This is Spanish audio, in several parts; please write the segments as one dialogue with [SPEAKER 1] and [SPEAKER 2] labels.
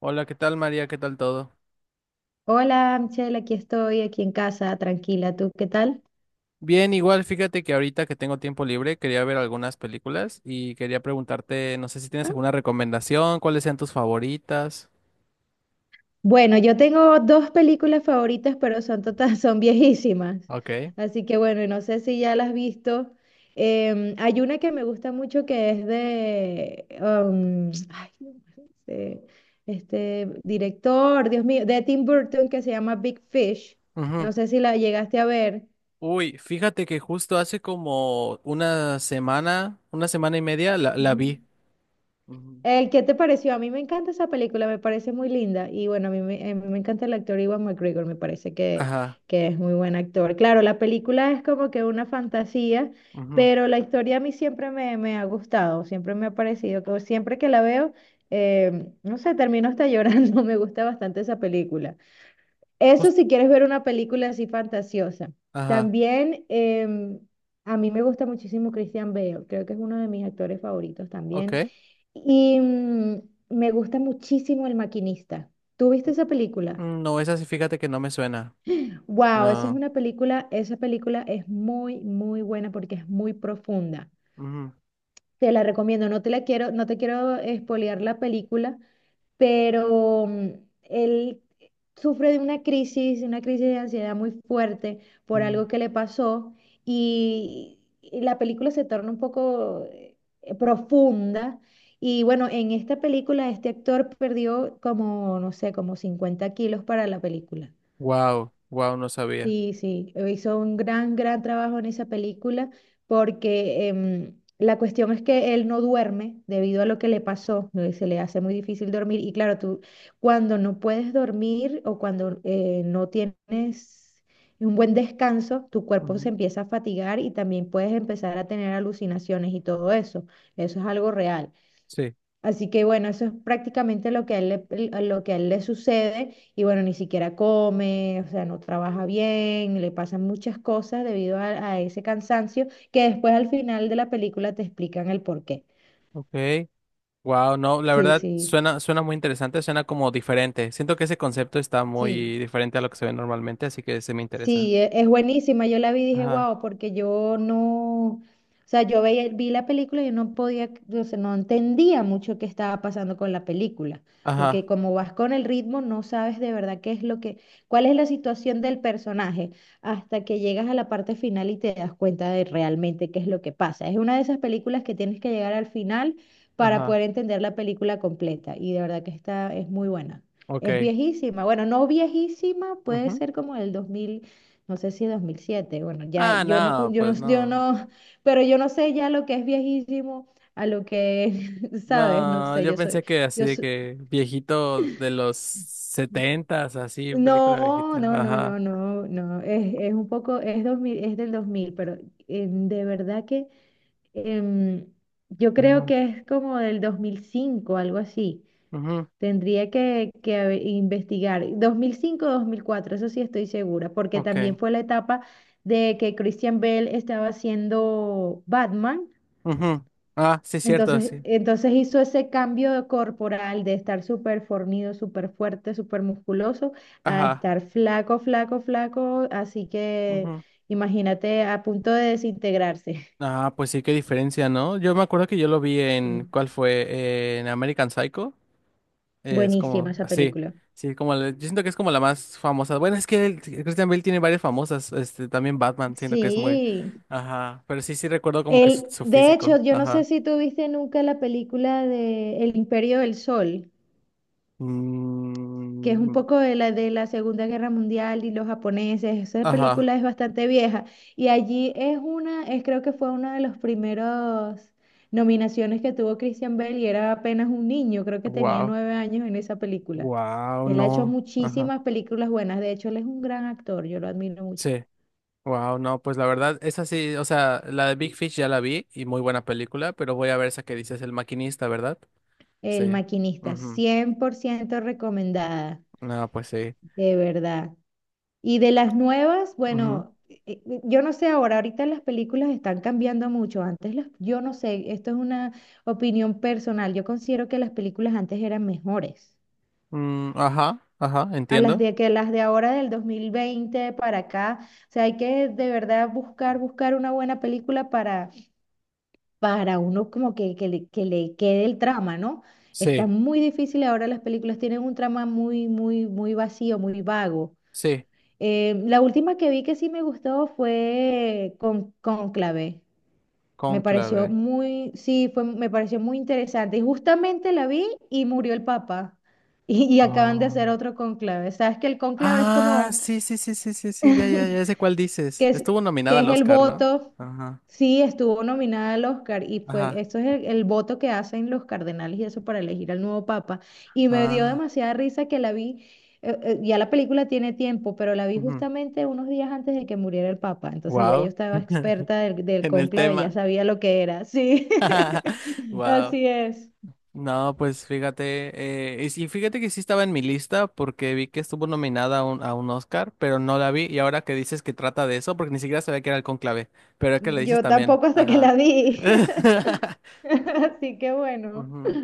[SPEAKER 1] Hola, ¿qué tal María? ¿Qué tal todo?
[SPEAKER 2] Hola, Michelle, aquí estoy, aquí en casa, tranquila. ¿Tú qué tal?
[SPEAKER 1] Bien, igual fíjate que ahorita que tengo tiempo libre quería ver algunas películas y quería preguntarte, no sé si tienes
[SPEAKER 2] Ah,
[SPEAKER 1] alguna recomendación, cuáles sean tus favoritas.
[SPEAKER 2] Bueno, yo tengo dos películas favoritas, pero son total, son viejísimas.
[SPEAKER 1] Ok.
[SPEAKER 2] Así que bueno, no sé si ya las has visto. Hay una que me gusta mucho que es de, ay, no sé, este director, Dios mío, de Tim Burton que se llama Big Fish.
[SPEAKER 1] Ujú.
[SPEAKER 2] No sé si la llegaste a ver.
[SPEAKER 1] Uy, fíjate que justo hace como una semana y media la
[SPEAKER 2] Ujú.
[SPEAKER 1] vi. Ujú.
[SPEAKER 2] ¿Qué te pareció? A mí me encanta esa película, me parece muy linda. Y bueno, a mí me encanta el actor Iwan McGregor, me parece que,
[SPEAKER 1] Ajá.
[SPEAKER 2] que es muy buen actor. Claro, la película es como que una fantasía,
[SPEAKER 1] Ujú,
[SPEAKER 2] pero la historia a mí siempre me ha gustado, siempre me ha parecido, que siempre que la veo, no sé, termino hasta llorando, me gusta bastante esa película. Eso
[SPEAKER 1] jus-
[SPEAKER 2] si quieres ver una película así fantasiosa.
[SPEAKER 1] ajá.
[SPEAKER 2] También a mí me gusta muchísimo Christian Bale, creo que es uno de mis actores favoritos también.
[SPEAKER 1] Ok.
[SPEAKER 2] Y mm, me gusta muchísimo El Maquinista. ¿Tú viste esa película?
[SPEAKER 1] Mm, no, esa sí, fíjate que no me suena.
[SPEAKER 2] Wow, esa es
[SPEAKER 1] No.
[SPEAKER 2] una película, esa película es muy, muy buena porque es muy profunda. Te la recomiendo, no te la quiero, no te quiero espolear la película, pero mm, él sufre de una crisis de ansiedad muy fuerte por algo que le pasó y la película se torna un poco profunda. Y bueno, en esta película este actor perdió como, no sé, como 50 kilos para la película.
[SPEAKER 1] Wow, wow, no sabía.
[SPEAKER 2] Sí, sí, hizo un gran, gran trabajo en esa película porque la cuestión es que él no duerme debido a lo que le pasó, ¿no? Se le hace muy difícil dormir y claro, tú cuando no puedes dormir o cuando no tienes un buen descanso, tu cuerpo
[SPEAKER 1] Ujú.
[SPEAKER 2] se empieza a fatigar y también puedes empezar a tener alucinaciones y todo eso, eso es algo real.
[SPEAKER 1] Sí.
[SPEAKER 2] Así que bueno, eso es prácticamente lo que a lo que a él le sucede y bueno, ni siquiera come, o sea, no trabaja bien, le pasan muchas cosas debido a ese cansancio que después al final de la película te explican el por qué.
[SPEAKER 1] Ok. Wow, no, la
[SPEAKER 2] Sí,
[SPEAKER 1] verdad
[SPEAKER 2] sí,
[SPEAKER 1] suena, suena muy interesante, suena como diferente. Siento que ese concepto está
[SPEAKER 2] sí.
[SPEAKER 1] muy diferente a lo que se ve normalmente, así que se me interesa.
[SPEAKER 2] Sí, es buenísima. Yo la vi y dije,
[SPEAKER 1] Ajá,
[SPEAKER 2] wow, porque yo no, o sea, vi la película y yo no podía, o sea, no entendía mucho qué estaba pasando con la película, porque
[SPEAKER 1] ajá,
[SPEAKER 2] como vas con el ritmo, no sabes de verdad qué es lo que, cuál es la situación del personaje, hasta que llegas a la parte final y te das cuenta de realmente qué es lo que pasa. Es una de esas películas que tienes que llegar al final para
[SPEAKER 1] ajá,
[SPEAKER 2] poder entender la película completa, y de verdad que esta es muy buena. Es
[SPEAKER 1] ok.
[SPEAKER 2] viejísima, bueno, no viejísima, puede
[SPEAKER 1] Ujú.
[SPEAKER 2] ser como el 2000 no sé si 2007, bueno, ya
[SPEAKER 1] Ah,
[SPEAKER 2] yo no, con-
[SPEAKER 1] no,
[SPEAKER 2] yo no,
[SPEAKER 1] pues
[SPEAKER 2] yo
[SPEAKER 1] no.
[SPEAKER 2] no, pero yo no sé ya lo que es viejísimo a lo que, sabes, no
[SPEAKER 1] No,
[SPEAKER 2] sé,
[SPEAKER 1] yo pensé que así
[SPEAKER 2] yo
[SPEAKER 1] de
[SPEAKER 2] soy,
[SPEAKER 1] que viejito de los setentas, así, película
[SPEAKER 2] no,
[SPEAKER 1] viejita.
[SPEAKER 2] no, no,
[SPEAKER 1] Ajá.
[SPEAKER 2] no, no, no, es un poco, es 2000, es del 2000, pero de verdad que em, yo creo
[SPEAKER 1] Ujú,
[SPEAKER 2] que es como del 2005, algo así.
[SPEAKER 1] ujú,
[SPEAKER 2] Tendría que investigar. 2005-2004, eso sí estoy segura, porque también
[SPEAKER 1] ok.
[SPEAKER 2] fue la etapa de que Christian Bale estaba haciendo Batman.
[SPEAKER 1] Ujú. Ah, sí, cierto,
[SPEAKER 2] Entonces,
[SPEAKER 1] sí.
[SPEAKER 2] entonces hizo ese cambio corporal de estar súper fornido, súper fuerte, súper musculoso, a
[SPEAKER 1] Ajá.
[SPEAKER 2] estar flaco, flaco, flaco. Así que
[SPEAKER 1] Ujú.
[SPEAKER 2] imagínate a punto de desintegrarse.
[SPEAKER 1] Ah, pues sí, qué diferencia, ¿no? Yo me acuerdo que yo lo vi en,
[SPEAKER 2] Sí,
[SPEAKER 1] ¿cuál fue? En American Psycho. Es
[SPEAKER 2] buenísima
[SPEAKER 1] como,
[SPEAKER 2] esa
[SPEAKER 1] así,
[SPEAKER 2] película.
[SPEAKER 1] sí, como, yo siento que es como la más famosa. Bueno, es que Christian Bale tiene varias famosas, también Batman, siento que es muy,
[SPEAKER 2] Sí,
[SPEAKER 1] ajá, pero sí, sí recuerdo como que su, su
[SPEAKER 2] De hecho,
[SPEAKER 1] físico,
[SPEAKER 2] yo no sé
[SPEAKER 1] ajá.
[SPEAKER 2] si tú viste nunca la película de El Imperio del Sol, que es un
[SPEAKER 1] Mm,
[SPEAKER 2] poco de la Segunda Guerra Mundial y los japoneses. Esa película
[SPEAKER 1] ajá,
[SPEAKER 2] es bastante vieja y allí es una, es creo que fue una de los primeros nominaciones que tuvo Christian Bale y era apenas un niño, creo que tenía
[SPEAKER 1] wow,
[SPEAKER 2] 9 años en esa película.
[SPEAKER 1] wow,
[SPEAKER 2] Él ha hecho
[SPEAKER 1] no, ajá,
[SPEAKER 2] muchísimas películas buenas, de hecho él es un gran actor, yo lo admiro mucho.
[SPEAKER 1] sí. Wow, no, pues la verdad, esa sí, o sea, la de Big Fish ya la vi y muy buena película, pero voy a ver esa que dices, El Maquinista, ¿verdad?
[SPEAKER 2] El
[SPEAKER 1] Sí.
[SPEAKER 2] Maquinista,
[SPEAKER 1] Ujú.
[SPEAKER 2] 100% recomendada,
[SPEAKER 1] No, pues sí.
[SPEAKER 2] de verdad. Y de las nuevas,
[SPEAKER 1] Ujú.
[SPEAKER 2] bueno, yo no sé ahora, ahorita las películas están cambiando mucho. Antes las, yo no sé, esto es una opinión personal. Yo considero que las películas antes eran mejores.
[SPEAKER 1] Mm, ajá, ajá,
[SPEAKER 2] A las
[SPEAKER 1] entiendo.
[SPEAKER 2] de que las de ahora del 2020 para acá, o sea, hay que de verdad buscar, buscar una buena película para, uno como que, que le quede el trama, ¿no? Está
[SPEAKER 1] Sí,
[SPEAKER 2] muy difícil ahora las películas tienen un trama muy, muy, muy vacío, muy vago.
[SPEAKER 1] sí,
[SPEAKER 2] La última que vi que sí me gustó fue con Cónclave. Me
[SPEAKER 1] Cónclave.
[SPEAKER 2] pareció muy, sí, fue, me pareció muy interesante. Y justamente la vi y murió el Papa. Y acaban de hacer
[SPEAKER 1] Oh.
[SPEAKER 2] otro cónclave. Sabes que el cónclave es
[SPEAKER 1] Ah,
[SPEAKER 2] como
[SPEAKER 1] sí, sí, sí, sí, sí, sí, ya, ya, ya sé cuál dices.
[SPEAKER 2] que es,
[SPEAKER 1] Estuvo
[SPEAKER 2] que
[SPEAKER 1] nominada al
[SPEAKER 2] es el
[SPEAKER 1] Oscar, ¿no?
[SPEAKER 2] voto,
[SPEAKER 1] Ajá,
[SPEAKER 2] sí estuvo nominada al Oscar y fue,
[SPEAKER 1] ajá.
[SPEAKER 2] esto es el voto que hacen los cardenales y eso para elegir al nuevo papa. Y me dio
[SPEAKER 1] Ah,
[SPEAKER 2] demasiada risa que la vi, ya la película tiene tiempo, pero la vi justamente unos días antes de que muriera el papa. Entonces ya yo
[SPEAKER 1] wow.
[SPEAKER 2] estaba experta del
[SPEAKER 1] En el
[SPEAKER 2] cónclave, ya
[SPEAKER 1] tema.
[SPEAKER 2] sabía lo que era, sí.
[SPEAKER 1] Wow.
[SPEAKER 2] Así es.
[SPEAKER 1] No, pues fíjate, y sí, fíjate que sí estaba en mi lista porque vi que estuvo nominada a un Oscar, pero no la vi. Y ahora que dices que trata de eso, porque ni siquiera sabía que era el conclave, pero es que le dices
[SPEAKER 2] Yo
[SPEAKER 1] también,
[SPEAKER 2] tampoco hasta que
[SPEAKER 1] ajá.
[SPEAKER 2] la vi. Así que bueno.
[SPEAKER 1] Ujú.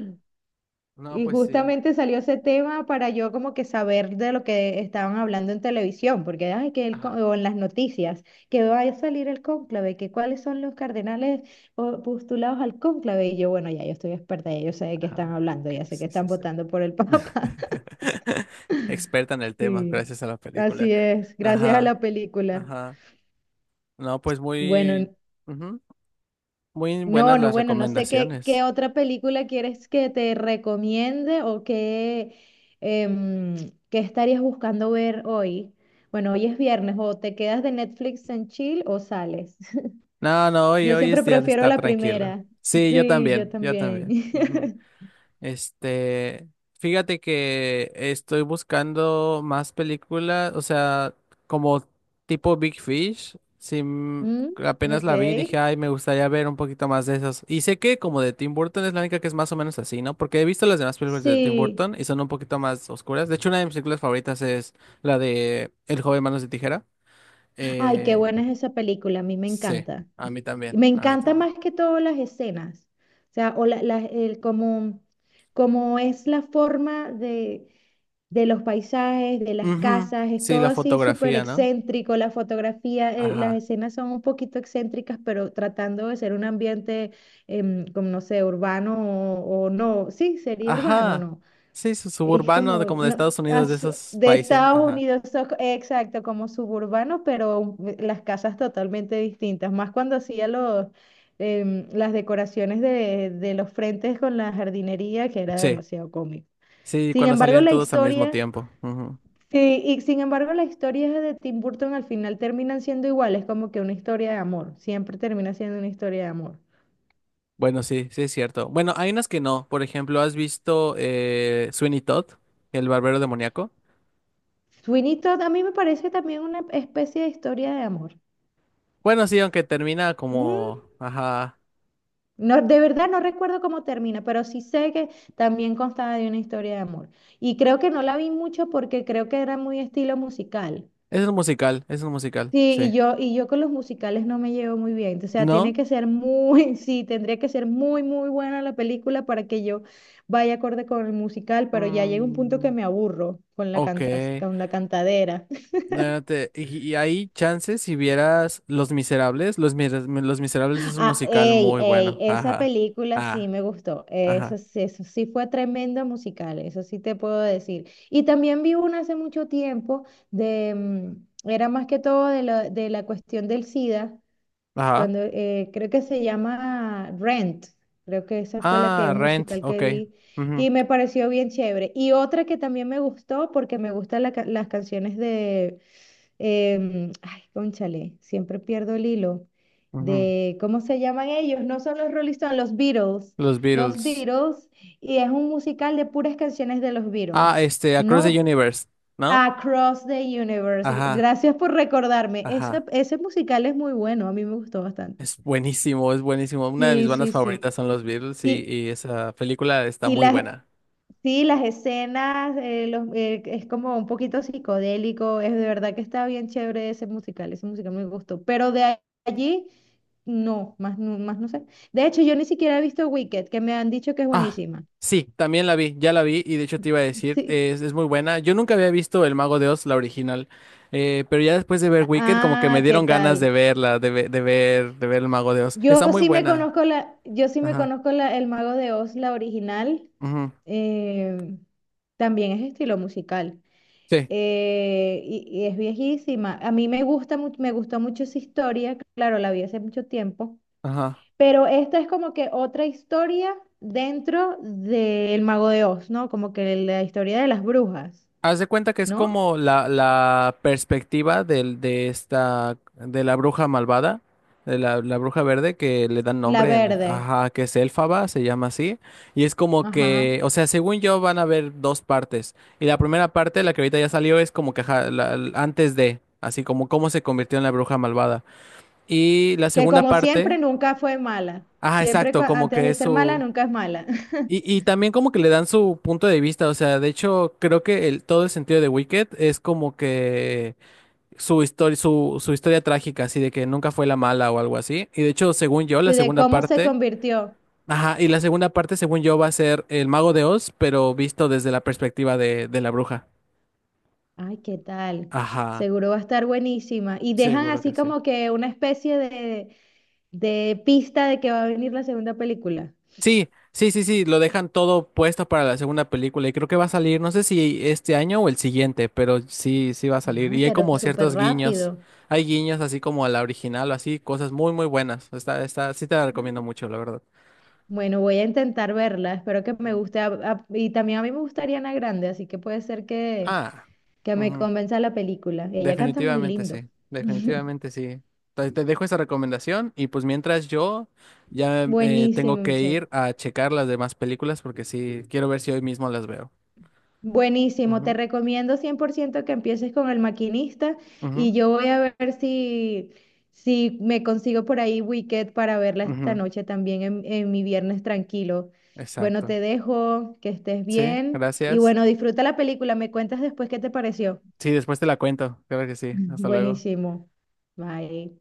[SPEAKER 1] No,
[SPEAKER 2] Y
[SPEAKER 1] pues sí,
[SPEAKER 2] justamente salió ese tema para yo como que saber de lo que estaban hablando en televisión, porque ay, que el, co-
[SPEAKER 1] ajá,
[SPEAKER 2] o en las noticias, que va a salir el cónclave, que cuáles son los cardenales o- postulados al cónclave. Y yo, bueno, ya yo estoy experta, ya yo sé de qué están
[SPEAKER 1] ajá,
[SPEAKER 2] hablando,
[SPEAKER 1] ok,
[SPEAKER 2] ya sé que
[SPEAKER 1] sí,
[SPEAKER 2] están
[SPEAKER 1] sí, sí.
[SPEAKER 2] votando por el Papa.
[SPEAKER 1] Experta en el tema,
[SPEAKER 2] Sí,
[SPEAKER 1] gracias a la película.
[SPEAKER 2] así es, gracias a
[SPEAKER 1] Ajá,
[SPEAKER 2] la película.
[SPEAKER 1] ajá. No, pues muy,
[SPEAKER 2] Bueno,
[SPEAKER 1] ujú, muy
[SPEAKER 2] no,
[SPEAKER 1] buenas
[SPEAKER 2] no,
[SPEAKER 1] las
[SPEAKER 2] bueno, no sé qué
[SPEAKER 1] recomendaciones.
[SPEAKER 2] otra película quieres que te recomiende o qué, em, qué estarías buscando ver hoy. Bueno, hoy es viernes, o te quedas de Netflix en chill o sales.
[SPEAKER 1] No, no, hoy,
[SPEAKER 2] Yo
[SPEAKER 1] hoy
[SPEAKER 2] siempre
[SPEAKER 1] es día de
[SPEAKER 2] prefiero
[SPEAKER 1] estar
[SPEAKER 2] la
[SPEAKER 1] tranquilo.
[SPEAKER 2] primera.
[SPEAKER 1] Sí, yo
[SPEAKER 2] Sí, yo
[SPEAKER 1] también, yo
[SPEAKER 2] también.
[SPEAKER 1] también. Ujú. Este, Fíjate que estoy buscando más películas, o sea, como tipo Big Fish. Sí,
[SPEAKER 2] Mm,
[SPEAKER 1] apenas
[SPEAKER 2] ok.
[SPEAKER 1] la vi, y dije, ay, me gustaría ver un poquito más de esas. Y sé que como de Tim Burton es la única que es más o menos así, ¿no? Porque he visto las demás películas de Tim
[SPEAKER 2] Sí.
[SPEAKER 1] Burton y son un poquito más oscuras. De hecho, una de mis películas favoritas es la de El joven manos de tijera.
[SPEAKER 2] Ay, qué
[SPEAKER 1] Eh,
[SPEAKER 2] buena es esa película, a mí me
[SPEAKER 1] sí,
[SPEAKER 2] encanta.
[SPEAKER 1] a mí también,
[SPEAKER 2] Me
[SPEAKER 1] a mí
[SPEAKER 2] encanta
[SPEAKER 1] también.
[SPEAKER 2] más que todo las escenas. O sea, o la- el, como es la forma de los paisajes, de las
[SPEAKER 1] Ujú.
[SPEAKER 2] casas, es
[SPEAKER 1] Sí,
[SPEAKER 2] todo
[SPEAKER 1] la
[SPEAKER 2] así súper
[SPEAKER 1] fotografía, ¿no?
[SPEAKER 2] excéntrico, la fotografía, las
[SPEAKER 1] Ajá.
[SPEAKER 2] escenas son un poquito excéntricas, pero tratando de ser un ambiente, como no sé, urbano o no, sí, sería urbano,
[SPEAKER 1] Ajá.
[SPEAKER 2] no.
[SPEAKER 1] Sí, su
[SPEAKER 2] Es
[SPEAKER 1] suburbano de
[SPEAKER 2] como
[SPEAKER 1] como de
[SPEAKER 2] no,
[SPEAKER 1] Estados Unidos, de esos
[SPEAKER 2] de
[SPEAKER 1] países.
[SPEAKER 2] Estados
[SPEAKER 1] Ajá.
[SPEAKER 2] Unidos, exacto, como suburbano, pero las casas totalmente distintas, más cuando hacía los, las decoraciones de los frentes con la jardinería, que era
[SPEAKER 1] Sí.
[SPEAKER 2] demasiado cómico.
[SPEAKER 1] Sí,
[SPEAKER 2] Sin
[SPEAKER 1] cuando
[SPEAKER 2] embargo,
[SPEAKER 1] salían
[SPEAKER 2] la
[SPEAKER 1] todos al mismo
[SPEAKER 2] historia.
[SPEAKER 1] tiempo. Ujú.
[SPEAKER 2] Sí, y sin embargo las historias de Tim Burton al final terminan siendo iguales, como que una historia de amor, siempre termina siendo una historia de amor.
[SPEAKER 1] Bueno, sí, sí es cierto. Bueno, hay unas que no. Por ejemplo, ¿has visto Sweeney Todd, el barbero demoníaco?
[SPEAKER 2] Sweeney Todd a mí me parece también una especie de historia de amor.
[SPEAKER 1] Bueno, sí, aunque termina
[SPEAKER 2] Mm,
[SPEAKER 1] como. Ajá.
[SPEAKER 2] No, de verdad no recuerdo cómo termina, pero sí sé que también constaba de una historia de amor. Y creo que no la vi mucho porque creo que era muy estilo musical.
[SPEAKER 1] Es un musical,
[SPEAKER 2] Sí,
[SPEAKER 1] sí.
[SPEAKER 2] y yo con los musicales no me llevo muy bien. O sea, tiene
[SPEAKER 1] ¿No?
[SPEAKER 2] que ser muy, sí, tendría que ser muy, muy buena la película para que yo vaya acorde con el musical, pero ya llega un punto que
[SPEAKER 1] Mm,
[SPEAKER 2] me aburro con la
[SPEAKER 1] ok.
[SPEAKER 2] cantas, con la cantadera.
[SPEAKER 1] No, y hay chances si vieras Los Miserables. Los Miserables es un
[SPEAKER 2] Ah,
[SPEAKER 1] musical
[SPEAKER 2] ey,
[SPEAKER 1] muy
[SPEAKER 2] ey,
[SPEAKER 1] bueno.
[SPEAKER 2] esa
[SPEAKER 1] Ajá.
[SPEAKER 2] película sí
[SPEAKER 1] Ah,
[SPEAKER 2] me gustó.
[SPEAKER 1] ajá.
[SPEAKER 2] Eso, eso sí fue tremendo musical, eso sí te puedo decir. Y también vi una hace mucho tiempo de, era más que todo de la cuestión del SIDA
[SPEAKER 1] Ajá.
[SPEAKER 2] cuando, creo que se llama Rent, creo que esa fue la que,
[SPEAKER 1] Ah,
[SPEAKER 2] un
[SPEAKER 1] Rent.
[SPEAKER 2] musical
[SPEAKER 1] Ok.
[SPEAKER 2] que vi y
[SPEAKER 1] Ujú,
[SPEAKER 2] me pareció bien chévere. Y otra que también me gustó porque me gustan las canciones de, ay, cónchale, siempre pierdo el hilo,
[SPEAKER 1] ujú.
[SPEAKER 2] de, ¿cómo se llaman ellos? No son los Rolling Stones,
[SPEAKER 1] Los
[SPEAKER 2] los
[SPEAKER 1] Beatles.
[SPEAKER 2] Beatles, y es un musical de puras canciones de los
[SPEAKER 1] Ah,
[SPEAKER 2] Beatles.
[SPEAKER 1] Across the
[SPEAKER 2] No,
[SPEAKER 1] Universe, ¿no?
[SPEAKER 2] Across the Universe.
[SPEAKER 1] Ajá,
[SPEAKER 2] Gracias por recordarme. Ese,
[SPEAKER 1] ajá.
[SPEAKER 2] ese musical es muy bueno, a mí me gustó bastante.
[SPEAKER 1] Es buenísimo, es buenísimo. Una de mis
[SPEAKER 2] Sí,
[SPEAKER 1] bandas
[SPEAKER 2] sí, sí.
[SPEAKER 1] favoritas son los Beatles y,
[SPEAKER 2] Y,
[SPEAKER 1] y esa película está
[SPEAKER 2] y
[SPEAKER 1] muy
[SPEAKER 2] las,
[SPEAKER 1] buena.
[SPEAKER 2] sí, las escenas, los, es como un poquito psicodélico, es de verdad que está bien chévere ese musical me gustó, pero allí, no, más, más no sé. De hecho, yo ni siquiera he visto Wicked, que me han dicho que es
[SPEAKER 1] Ah,
[SPEAKER 2] buenísima.
[SPEAKER 1] sí, también la vi, ya la vi y de hecho te iba a decir,
[SPEAKER 2] Sí.
[SPEAKER 1] es muy buena. Yo nunca había visto El Mago de Oz, la original, pero ya después de ver Wicked como que me
[SPEAKER 2] Ah, ¿qué
[SPEAKER 1] dieron ganas de
[SPEAKER 2] tal?
[SPEAKER 1] verla, de ver El Mago de Oz. Está
[SPEAKER 2] Yo
[SPEAKER 1] muy
[SPEAKER 2] sí me
[SPEAKER 1] buena.
[SPEAKER 2] conozco la, yo sí me
[SPEAKER 1] Ajá.
[SPEAKER 2] conozco la, El Mago de Oz, la original,
[SPEAKER 1] Ujú.
[SPEAKER 2] eh, también es estilo musical.
[SPEAKER 1] Sí.
[SPEAKER 2] Y es viejísima. A mí me gusta, me gustó mucho esa historia, claro, la vi hace mucho tiempo,
[SPEAKER 1] Ajá.
[SPEAKER 2] pero esta es como que otra historia dentro del Mago de Oz, ¿no? Como que la historia de las brujas,
[SPEAKER 1] Haz de cuenta que es
[SPEAKER 2] ¿no?
[SPEAKER 1] como la perspectiva de la bruja malvada, de la bruja verde que le dan
[SPEAKER 2] La
[SPEAKER 1] nombre en,
[SPEAKER 2] verde,
[SPEAKER 1] ajá, que es Elfaba, se llama así. Y es como que,
[SPEAKER 2] ajá.
[SPEAKER 1] o sea, según yo van a haber dos partes. Y la primera parte, la que ahorita ya salió, es como que ajá, antes de, así como cómo se convirtió en la bruja malvada. Y la
[SPEAKER 2] Que
[SPEAKER 1] segunda
[SPEAKER 2] como
[SPEAKER 1] parte,
[SPEAKER 2] siempre nunca fue mala.
[SPEAKER 1] ajá,
[SPEAKER 2] Siempre
[SPEAKER 1] exacto, como
[SPEAKER 2] antes
[SPEAKER 1] que
[SPEAKER 2] de
[SPEAKER 1] es
[SPEAKER 2] ser mala,
[SPEAKER 1] su.
[SPEAKER 2] nunca es mala.
[SPEAKER 1] Y también como que le dan su punto de vista, o sea, de hecho creo que todo el sentido de Wicked es como que su historia, su historia trágica, así de que nunca fue la mala o algo así. Y de hecho, según yo, la
[SPEAKER 2] Y de
[SPEAKER 1] segunda
[SPEAKER 2] cómo se
[SPEAKER 1] parte,
[SPEAKER 2] convirtió.
[SPEAKER 1] ajá, y la segunda parte, según yo, va a ser el Mago de Oz, pero visto desde la perspectiva de la bruja.
[SPEAKER 2] Ay, ¿qué tal?
[SPEAKER 1] Ajá,
[SPEAKER 2] Seguro va a estar buenísima. Y dejan
[SPEAKER 1] seguro
[SPEAKER 2] así
[SPEAKER 1] que sí.
[SPEAKER 2] como que una especie de pista de que va a venir la segunda película.
[SPEAKER 1] Sí, sí, sí, sí, lo dejan todo puesto para la segunda película y creo que va a salir, no sé si este año o el siguiente, pero sí, sí va a salir.
[SPEAKER 2] Ah,
[SPEAKER 1] Y hay
[SPEAKER 2] pero
[SPEAKER 1] como
[SPEAKER 2] súper
[SPEAKER 1] ciertos guiños,
[SPEAKER 2] rápido.
[SPEAKER 1] hay guiños así como a la original o así, cosas muy, muy buenas. Sí te la recomiendo mucho, la verdad.
[SPEAKER 2] Bueno, voy a intentar verla. Espero que me
[SPEAKER 1] Bien.
[SPEAKER 2] guste. Y también a mí me gustaría Ana Grande, así que puede ser
[SPEAKER 1] Ah.
[SPEAKER 2] que me
[SPEAKER 1] Ujú.
[SPEAKER 2] convenza la película. Ella canta muy
[SPEAKER 1] Definitivamente
[SPEAKER 2] lindo.
[SPEAKER 1] sí, definitivamente sí. Te dejo esa recomendación y pues mientras yo ya tengo
[SPEAKER 2] Buenísimo,
[SPEAKER 1] que
[SPEAKER 2] Michelle.
[SPEAKER 1] ir a checar las demás películas porque sí, quiero ver si hoy mismo las veo.
[SPEAKER 2] Buenísimo, te
[SPEAKER 1] Ujú,
[SPEAKER 2] recomiendo 100% que empieces con El Maquinista
[SPEAKER 1] ujú,
[SPEAKER 2] y yo voy a ver si, si me consigo por ahí Wicked para verla esta
[SPEAKER 1] ujú.
[SPEAKER 2] noche también en mi viernes tranquilo. Bueno,
[SPEAKER 1] Exacto.
[SPEAKER 2] te dejo, que estés
[SPEAKER 1] Sí,
[SPEAKER 2] bien y
[SPEAKER 1] gracias.
[SPEAKER 2] bueno, disfruta la película, me cuentas después qué te pareció.
[SPEAKER 1] Sí, después te la cuento. Claro que sí. Hasta luego.
[SPEAKER 2] Buenísimo. Bye.